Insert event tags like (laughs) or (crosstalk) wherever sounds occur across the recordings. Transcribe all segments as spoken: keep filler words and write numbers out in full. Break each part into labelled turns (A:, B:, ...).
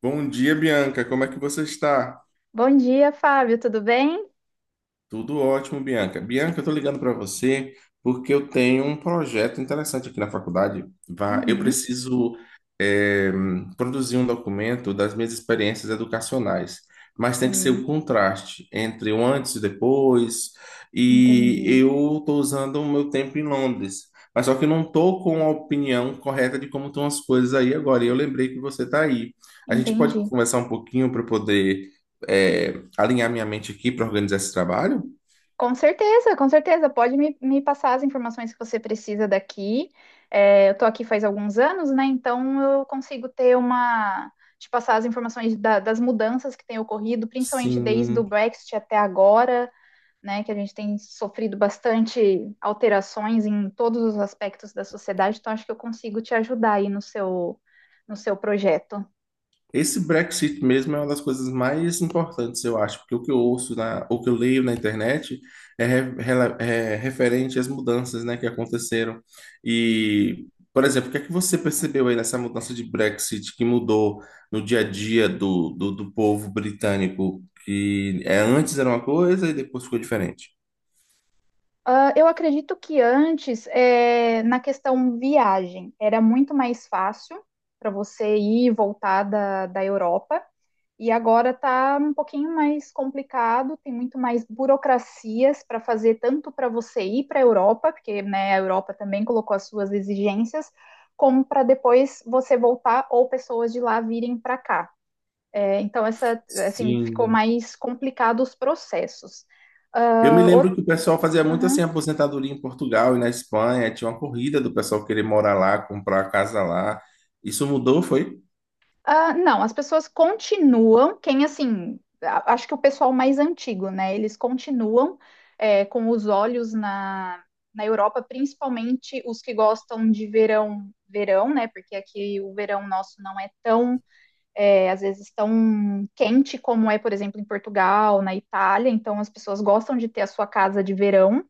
A: Bom dia, Bianca. Como é que você está?
B: Bom dia, Fábio, tudo bem?
A: Tudo ótimo, Bianca. Bianca, eu estou ligando para você porque eu tenho um projeto interessante aqui na faculdade. Vá, eu
B: Uhum,
A: preciso eh, produzir um documento das minhas experiências educacionais, mas tem que ser
B: sim,
A: o contraste entre o antes e depois. E
B: entendi.
A: eu estou usando o meu tempo em Londres, mas só que eu não estou com a opinião correta de como estão as coisas aí agora. E eu lembrei que você está aí. A gente pode
B: Entendi.
A: conversar um pouquinho para poder é, alinhar minha mente aqui para organizar esse trabalho?
B: Com certeza, com certeza. Pode me, me passar as informações que você precisa daqui. É, eu tô aqui faz alguns anos, né? Então eu consigo ter uma. Te passar as informações da- das mudanças que têm ocorrido, principalmente desde o
A: Sim.
B: Brexit até agora, né? Que a gente tem sofrido bastante alterações em todos os aspectos da sociedade. Então acho que eu consigo te ajudar aí no seu, no seu projeto.
A: Esse Brexit mesmo é uma das coisas mais importantes, eu acho, porque o que eu ouço, na, o que eu leio na internet é, re- rela- é referente às mudanças, né, que aconteceram. E, por exemplo, o que é que você percebeu aí nessa mudança de Brexit que mudou no dia a dia do, do, do povo britânico, que é, antes era uma coisa e depois ficou diferente?
B: Ah, eu acredito que antes, eh, na questão viagem, era muito mais fácil para você ir e voltar da, da Europa, e agora está um pouquinho mais complicado, tem muito mais burocracias para fazer, tanto para você ir para a Europa, porque né, a Europa também colocou as suas exigências, como para depois você voltar ou pessoas de lá virem para cá. Eh, então, essa, assim, ficou
A: Sim.
B: mais complicado os processos.
A: Eu me
B: Ah,
A: lembro
B: o-
A: que o pessoal fazia muito assim,
B: Uhum.
A: aposentadoria em Portugal e na Espanha. Tinha uma corrida do pessoal querer morar lá, comprar casa lá. Isso mudou, foi?
B: Ah, não, as pessoas continuam, quem assim, a- acho que o pessoal mais antigo, né? Eles continuam é, com os olhos na, na Europa, principalmente os que gostam de verão, verão, né? Porque aqui o verão nosso não é tão, é, às vezes, tão quente como é, por exemplo, em Portugal, na Itália. Então, as pessoas gostam de ter a sua casa de verão.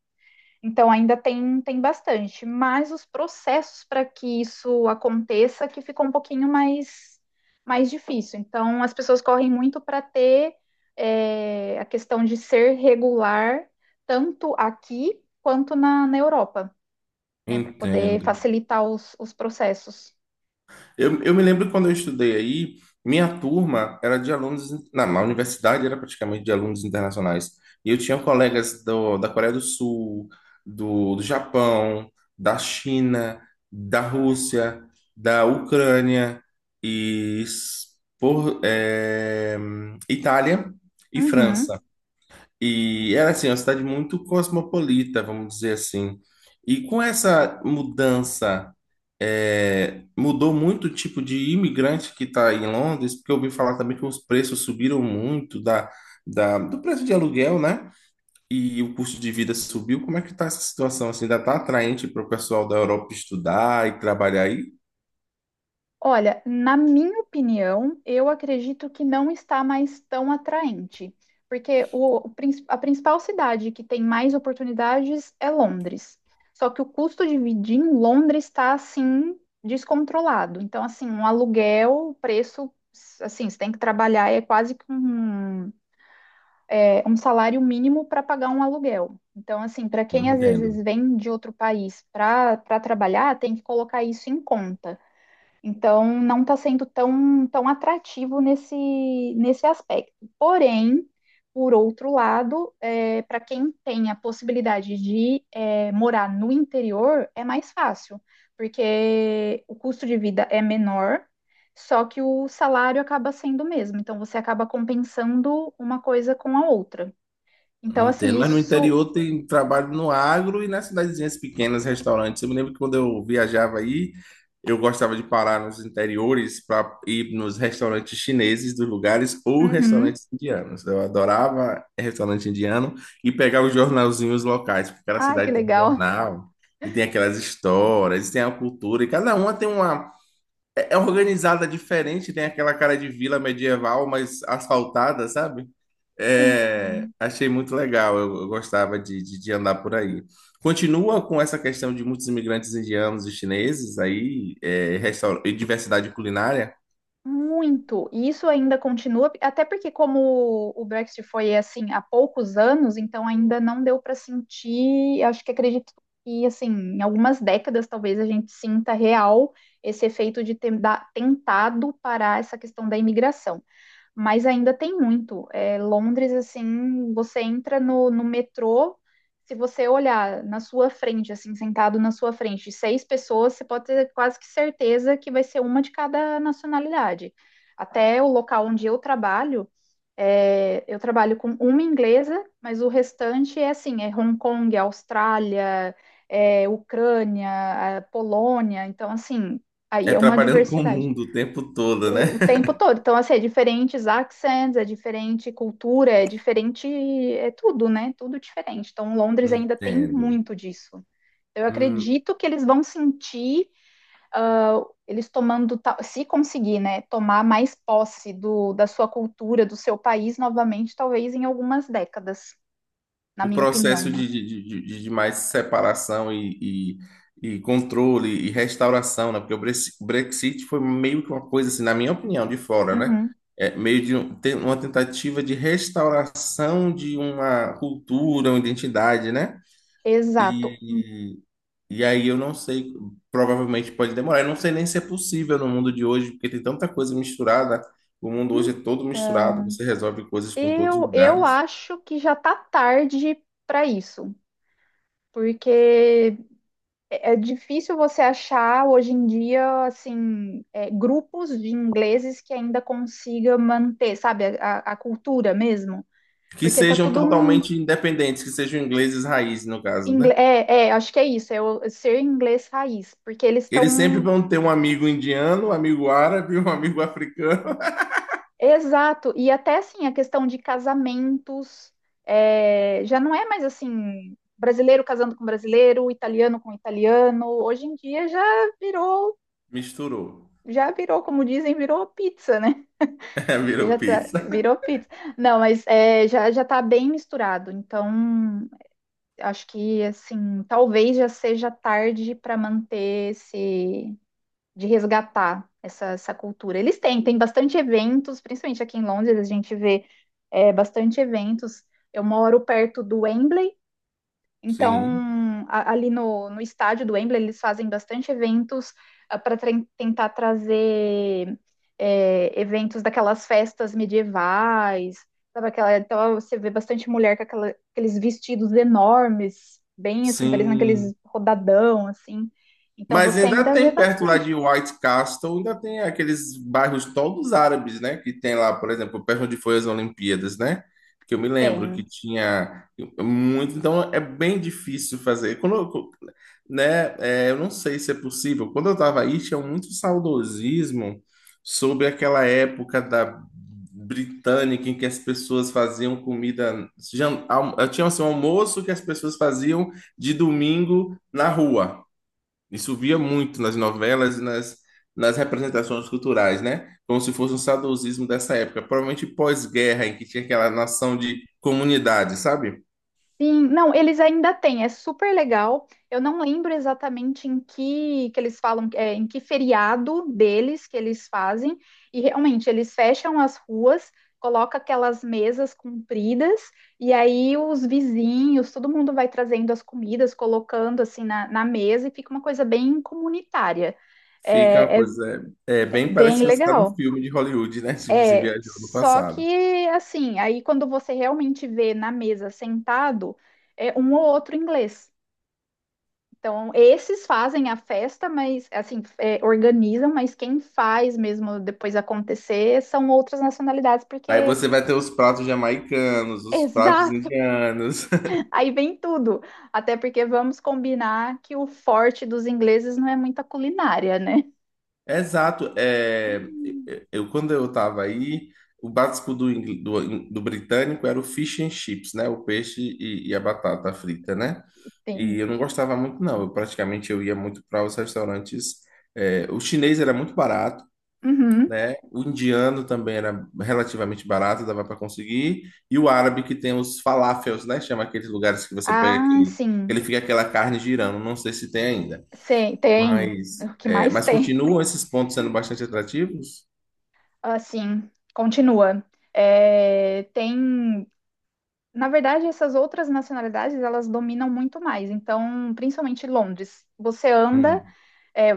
B: Então ainda tem, tem bastante, mas os processos para que isso aconteça que ficou um pouquinho mais, mais difícil. Então as pessoas correm muito para ter é, a questão de ser regular, tanto aqui quanto na, na Europa, né? Para poder
A: Entendo.
B: facilitar os, os processos.
A: Eu, eu me lembro quando eu estudei aí, minha turma era de alunos, na, na universidade era praticamente de alunos internacionais. E eu tinha colegas do, da Coreia do Sul, do, do Japão, da China, da Rússia, da Ucrânia e s- por, eh, Itália e
B: Uhum.
A: França. E era assim, uma cidade muito cosmopolita, vamos dizer assim. E com essa mudança, é, mudou muito o tipo de imigrante que está em Londres, porque eu ouvi falar também que os preços subiram muito da, da- do preço de aluguel, né? E o custo de vida subiu. Como é que está essa situação? Assim, ainda está atraente para o pessoal da Europa estudar e trabalhar aí?
B: Olha, na minha opinião, eu acredito que não está mais tão atraente, porque o, o prin- a principal cidade que tem mais oportunidades é Londres. Só que o custo de vida em Londres está assim descontrolado. Então, assim, um aluguel, o preço, assim, você tem que trabalhar é quase que um, é, um salário mínimo para pagar um aluguel. Então, assim, para quem às
A: Entendo.
B: vezes vem de outro país para para trabalhar, tem que colocar isso em conta. Então, não está sendo tão, tão atrativo nesse, nesse aspecto. Porém, por outro lado, para quem tem a possibilidade de eh, morar no interior, é mais fácil, porque o custo de vida é menor, só que o salário acaba sendo o mesmo. Então, você acaba compensando uma coisa com a outra. Então, assim,
A: Entendo, mas no
B: isso.
A: interior tem trabalho no agro e nas cidadezinhas pequenas, restaurantes. Eu me lembro que quando eu viajava aí, eu gostava de parar nos interiores para ir nos restaurantes chineses dos lugares ou
B: Uhum.
A: restaurantes indianos. Eu adorava restaurante indiano e pegar os jornalzinhos locais, porque cada
B: Ah, que
A: cidade tem um
B: legal.
A: jornal e tem aquelas histórias, e tem a cultura, e cada uma tem uma é é organizada diferente, tem aquela cara de vila medieval, mas asfaltada, sabe? É,
B: Sim.
A: achei muito legal, eu, eu gostava de, de, de andar por aí. Continua com essa questão de muitos imigrantes indianos e chineses aí, é, restaur- e diversidade culinária,
B: Muito. E isso ainda continua, até porque como o Brexit foi assim há poucos anos, então ainda não deu para sentir, acho que acredito que assim, em algumas décadas talvez a gente sinta real esse efeito de ter da- tentado parar essa questão da imigração, mas ainda tem muito. É, Londres, assim, você entra no, no metrô, se você olhar na sua frente, assim, sentado na sua frente, seis pessoas, você pode ter quase que certeza que vai ser uma de cada nacionalidade. Até o local onde eu trabalho, é, eu trabalho com uma inglesa, mas o restante é assim, é Hong Kong, é Austrália, é Ucrânia, é Polônia, então assim, aí
A: é
B: é uma
A: trabalhando com o
B: diversidade
A: mundo o tempo todo, né?
B: o, o tempo
A: (laughs)
B: todo. Então, assim, é diferentes accents, é diferente cultura, é diferente, é tudo, né? Tudo diferente. Então, Londres ainda tem
A: Entendo.
B: muito disso. Eu
A: Hum.
B: acredito que eles vão sentir, ah, eles tomando, ta- se conseguir, né, tomar mais posse do, da sua cultura, do seu país novamente, talvez em algumas décadas, na
A: O
B: minha opinião,
A: processo
B: né?
A: de, de, de, de- de mais separação e, e, e controle e restauração, né? Porque o Brexi- Brexit foi meio que uma coisa assim, na minha opinião, de fora, né?
B: Uhum,
A: É meio de um- tem uma tentativa de restauração de uma cultura, uma identidade, né?
B: exato.
A: E, e aí eu não sei, provavelmente pode demorar. Eu não sei nem se é possível no mundo de hoje, porque tem tanta coisa misturada. O mundo hoje é todo misturado,
B: Então,
A: você resolve coisas com todos os
B: eu, eu
A: lugares.
B: acho que já tá tarde para isso, porque é é difícil você achar hoje em dia, assim, é, grupos de ingleses que ainda consiga manter, sabe, a, a cultura mesmo.
A: Que
B: Porque tá
A: sejam
B: tudo um.
A: totalmente independentes, que sejam ingleses raiz, no caso,
B: ingle-
A: né?
B: É, é, acho que é isso, é o ser inglês raiz. Porque eles
A: Eles sempre
B: estão.
A: vão ter um amigo indiano, um amigo árabe, um amigo africano.
B: Exato. E até, assim, a questão de casamentos. É, já não é mais, assim, brasileiro casando com brasileiro, italiano com italiano. Hoje em dia já virou.
A: (laughs) Misturou.
B: Já virou, como dizem, virou pizza, né?
A: (laughs) Virou
B: Já tá,
A: pizza.
B: virou pizza. Não, mas é, já, já tá bem misturado. Então, acho que, assim, talvez já seja tarde para manter esse, de resgatar essa, essa cultura. Eles têm, tem bastante eventos, principalmente aqui em Londres, a gente vê é, bastante eventos. Eu moro perto do Wembley,
A: Sim.
B: então, a- ali no, no estádio do Wembley, eles fazem bastante eventos para tentar trazer é, eventos daquelas festas medievais, sabe aquela, então você vê bastante mulher com aquela- aqueles vestidos enormes, bem assim, parecendo
A: Sim.
B: aqueles rodadão, assim. Então,
A: Mas
B: você
A: ainda
B: ainda vê
A: tem perto lá
B: bastante.
A: de White Castle, ainda tem aqueles bairros todos árabes, né? Que tem lá, por exemplo, perto onde foi as Olimpíadas, né? Que eu me lembro que
B: Tem.
A: tinha muito. Então é bem difícil fazer. Quando, eu- né? é, eu não sei se é possível. Quando eu estava aí, tinha muito saudosismo sobre aquela época da britânica em que as pessoas faziam comida. jan- al- Tinha assim, um almoço que as pessoas faziam de domingo na rua. Isso via muito nas novelas e nas, nas representações culturais, né? Como se fosse um saudosismo dessa época, provavelmente pós-guerra, em que tinha aquela noção de comunidade, sabe?
B: Sim, não, eles ainda têm, é super legal. Eu não lembro exatamente em que, que eles falam, é, em que feriado deles que eles fazem, e realmente eles fecham as ruas, coloca aquelas mesas compridas, e aí os vizinhos, todo mundo vai trazendo as comidas, colocando assim na, na mesa, e fica uma coisa bem comunitária.
A: Fica uma
B: é é-
A: coisa. É, é
B: É
A: bem
B: bem
A: parece que você está num
B: legal.
A: filme de Hollywood, né? (laughs) Se você
B: É,
A: viajou no
B: só que
A: passado.
B: assim, aí quando você realmente vê na mesa sentado, é um ou outro inglês. Então, esses fazem a festa, mas assim, é, organizam, mas quem faz mesmo depois acontecer são outras nacionalidades,
A: Aí
B: porque
A: você vai ter os pratos jamaicanos, os pratos
B: exato,
A: indianos.
B: (laughs) aí vem tudo. Até porque vamos combinar que o forte dos ingleses não é muita culinária, né?
A: Exato. É, eu, quando eu estava aí, o básico do, ingl- do, do britânico era o fish and chips, né? O peixe e, e a batata frita, né? E
B: Tem.
A: eu não gostava muito, não. Eu praticamente eu ia muito para os restaurantes. É, o chinês era muito barato,
B: Uhum.
A: né? O indiano também era relativamente barato, dava para conseguir. E o árabe que tem os falafels, né? Chama aqueles lugares que você pega
B: Ah,
A: aquele,
B: sim.
A: ele fica aquela carne girando. Não sei se tem ainda.
B: Sim, tem.
A: Mas,
B: O que
A: é,
B: mais
A: mas
B: tem?
A: continuam esses pontos sendo bastante atrativos?
B: Assim, continua. É, tem, na verdade, essas outras nacionalidades, elas dominam muito mais. Então, principalmente Londres, você anda,
A: Hum.
B: é,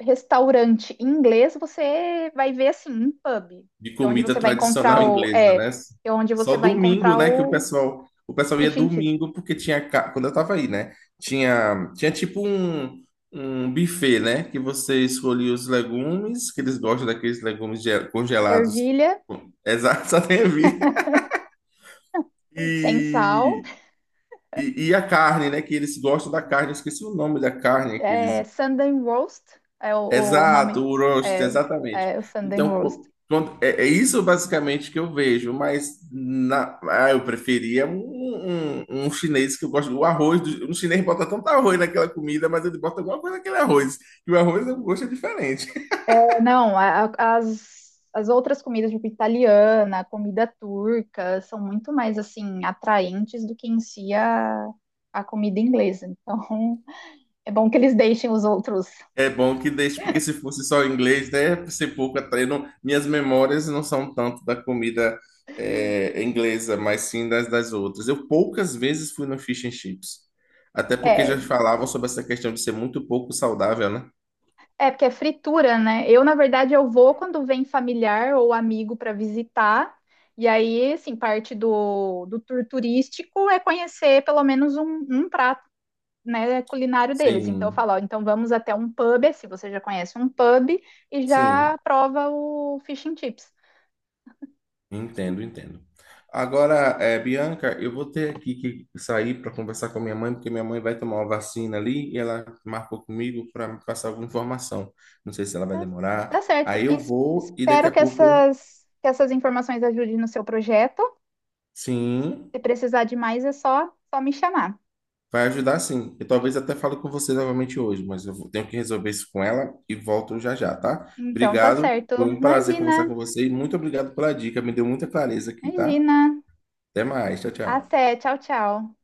B: restaurante em inglês, você vai ver assim, um pub,
A: De
B: que é onde
A: comida
B: você vai encontrar
A: tradicional
B: o,
A: inglesa,
B: é, que
A: né?
B: é onde
A: Só
B: você vai
A: domingo,
B: encontrar
A: né? Que o
B: o
A: pessoal, o pessoal ia
B: fish and chip.
A: domingo porque tinha, ca- quando eu tava aí, né? Tinha, tinha tipo um, um buffet, né? Que você escolhia os legumes, que eles gostam daqueles legumes ge- congelados.
B: Ervilha
A: Exato, (laughs) só tem a (laughs) vida.
B: sem sal,
A: E, e, e a carne, né? Que eles gostam da carne. Eu esqueci o nome da carne que eles...
B: é, Sunday roast, é o, o
A: Exato,
B: nome,
A: o roast,
B: é,
A: exatamente.
B: é o Sunday
A: Então,
B: roast.
A: co- quando- é, é isso basicamente que eu vejo, mas na, ah, eu preferia um, um, um chinês que eu gosto do arroz. Do, um chinês bota tanto arroz naquela comida, mas ele bota alguma coisa naquele arroz, que o arroz o gosto é diferente.
B: Não, a- a- as, as outras comidas, tipo italiana, comida turca, são muito mais assim atraentes do que em si a, a comida inglesa. Então, (laughs) é bom que eles deixem os outros.
A: É bom que deixe, porque se fosse só inglês, né, ser pouco até não, minhas memórias não são tanto da comida é, inglesa, mas sim das, das outras. Eu poucas vezes fui no fish and chips, até porque
B: É,
A: já falavam sobre essa questão de ser muito pouco saudável, né?
B: é porque é fritura, né? Eu, na verdade, eu vou quando vem familiar ou amigo para visitar. E aí, assim, parte do, do tour turístico é conhecer pelo menos um, um prato né, culinário deles. Então eu
A: Sim,
B: falo, ó, então vamos até um pub, se você já conhece um pub, e
A: sim.
B: já prova o fish and chips.
A: Entendo, entendo. Agora, eh, Bianca, eu vou ter aqui que sair para conversar com a minha mãe, porque minha mãe vai tomar uma vacina ali e ela marcou comigo para me passar alguma informação. Não sei se ela vai
B: Tá,
A: demorar.
B: tá certo.
A: Aí
B: E
A: eu
B: es-
A: vou e daqui
B: espero
A: a
B: que
A: pouco eu...
B: essas, que essas informações ajudem no seu projeto.
A: Sim,
B: Se precisar de mais, é só, só me chamar.
A: vai ajudar sim. Eu talvez até fale com você novamente hoje, mas eu vou- tenho que resolver isso com ela e volto já já, tá?
B: Então tá
A: Obrigado,
B: certo.
A: foi um prazer conversar
B: Imagina,
A: com você e muito obrigado pela dica, me deu muita clareza aqui, tá?
B: imagina.
A: Até mais, tchau, tchau.
B: Até, tchau, tchau.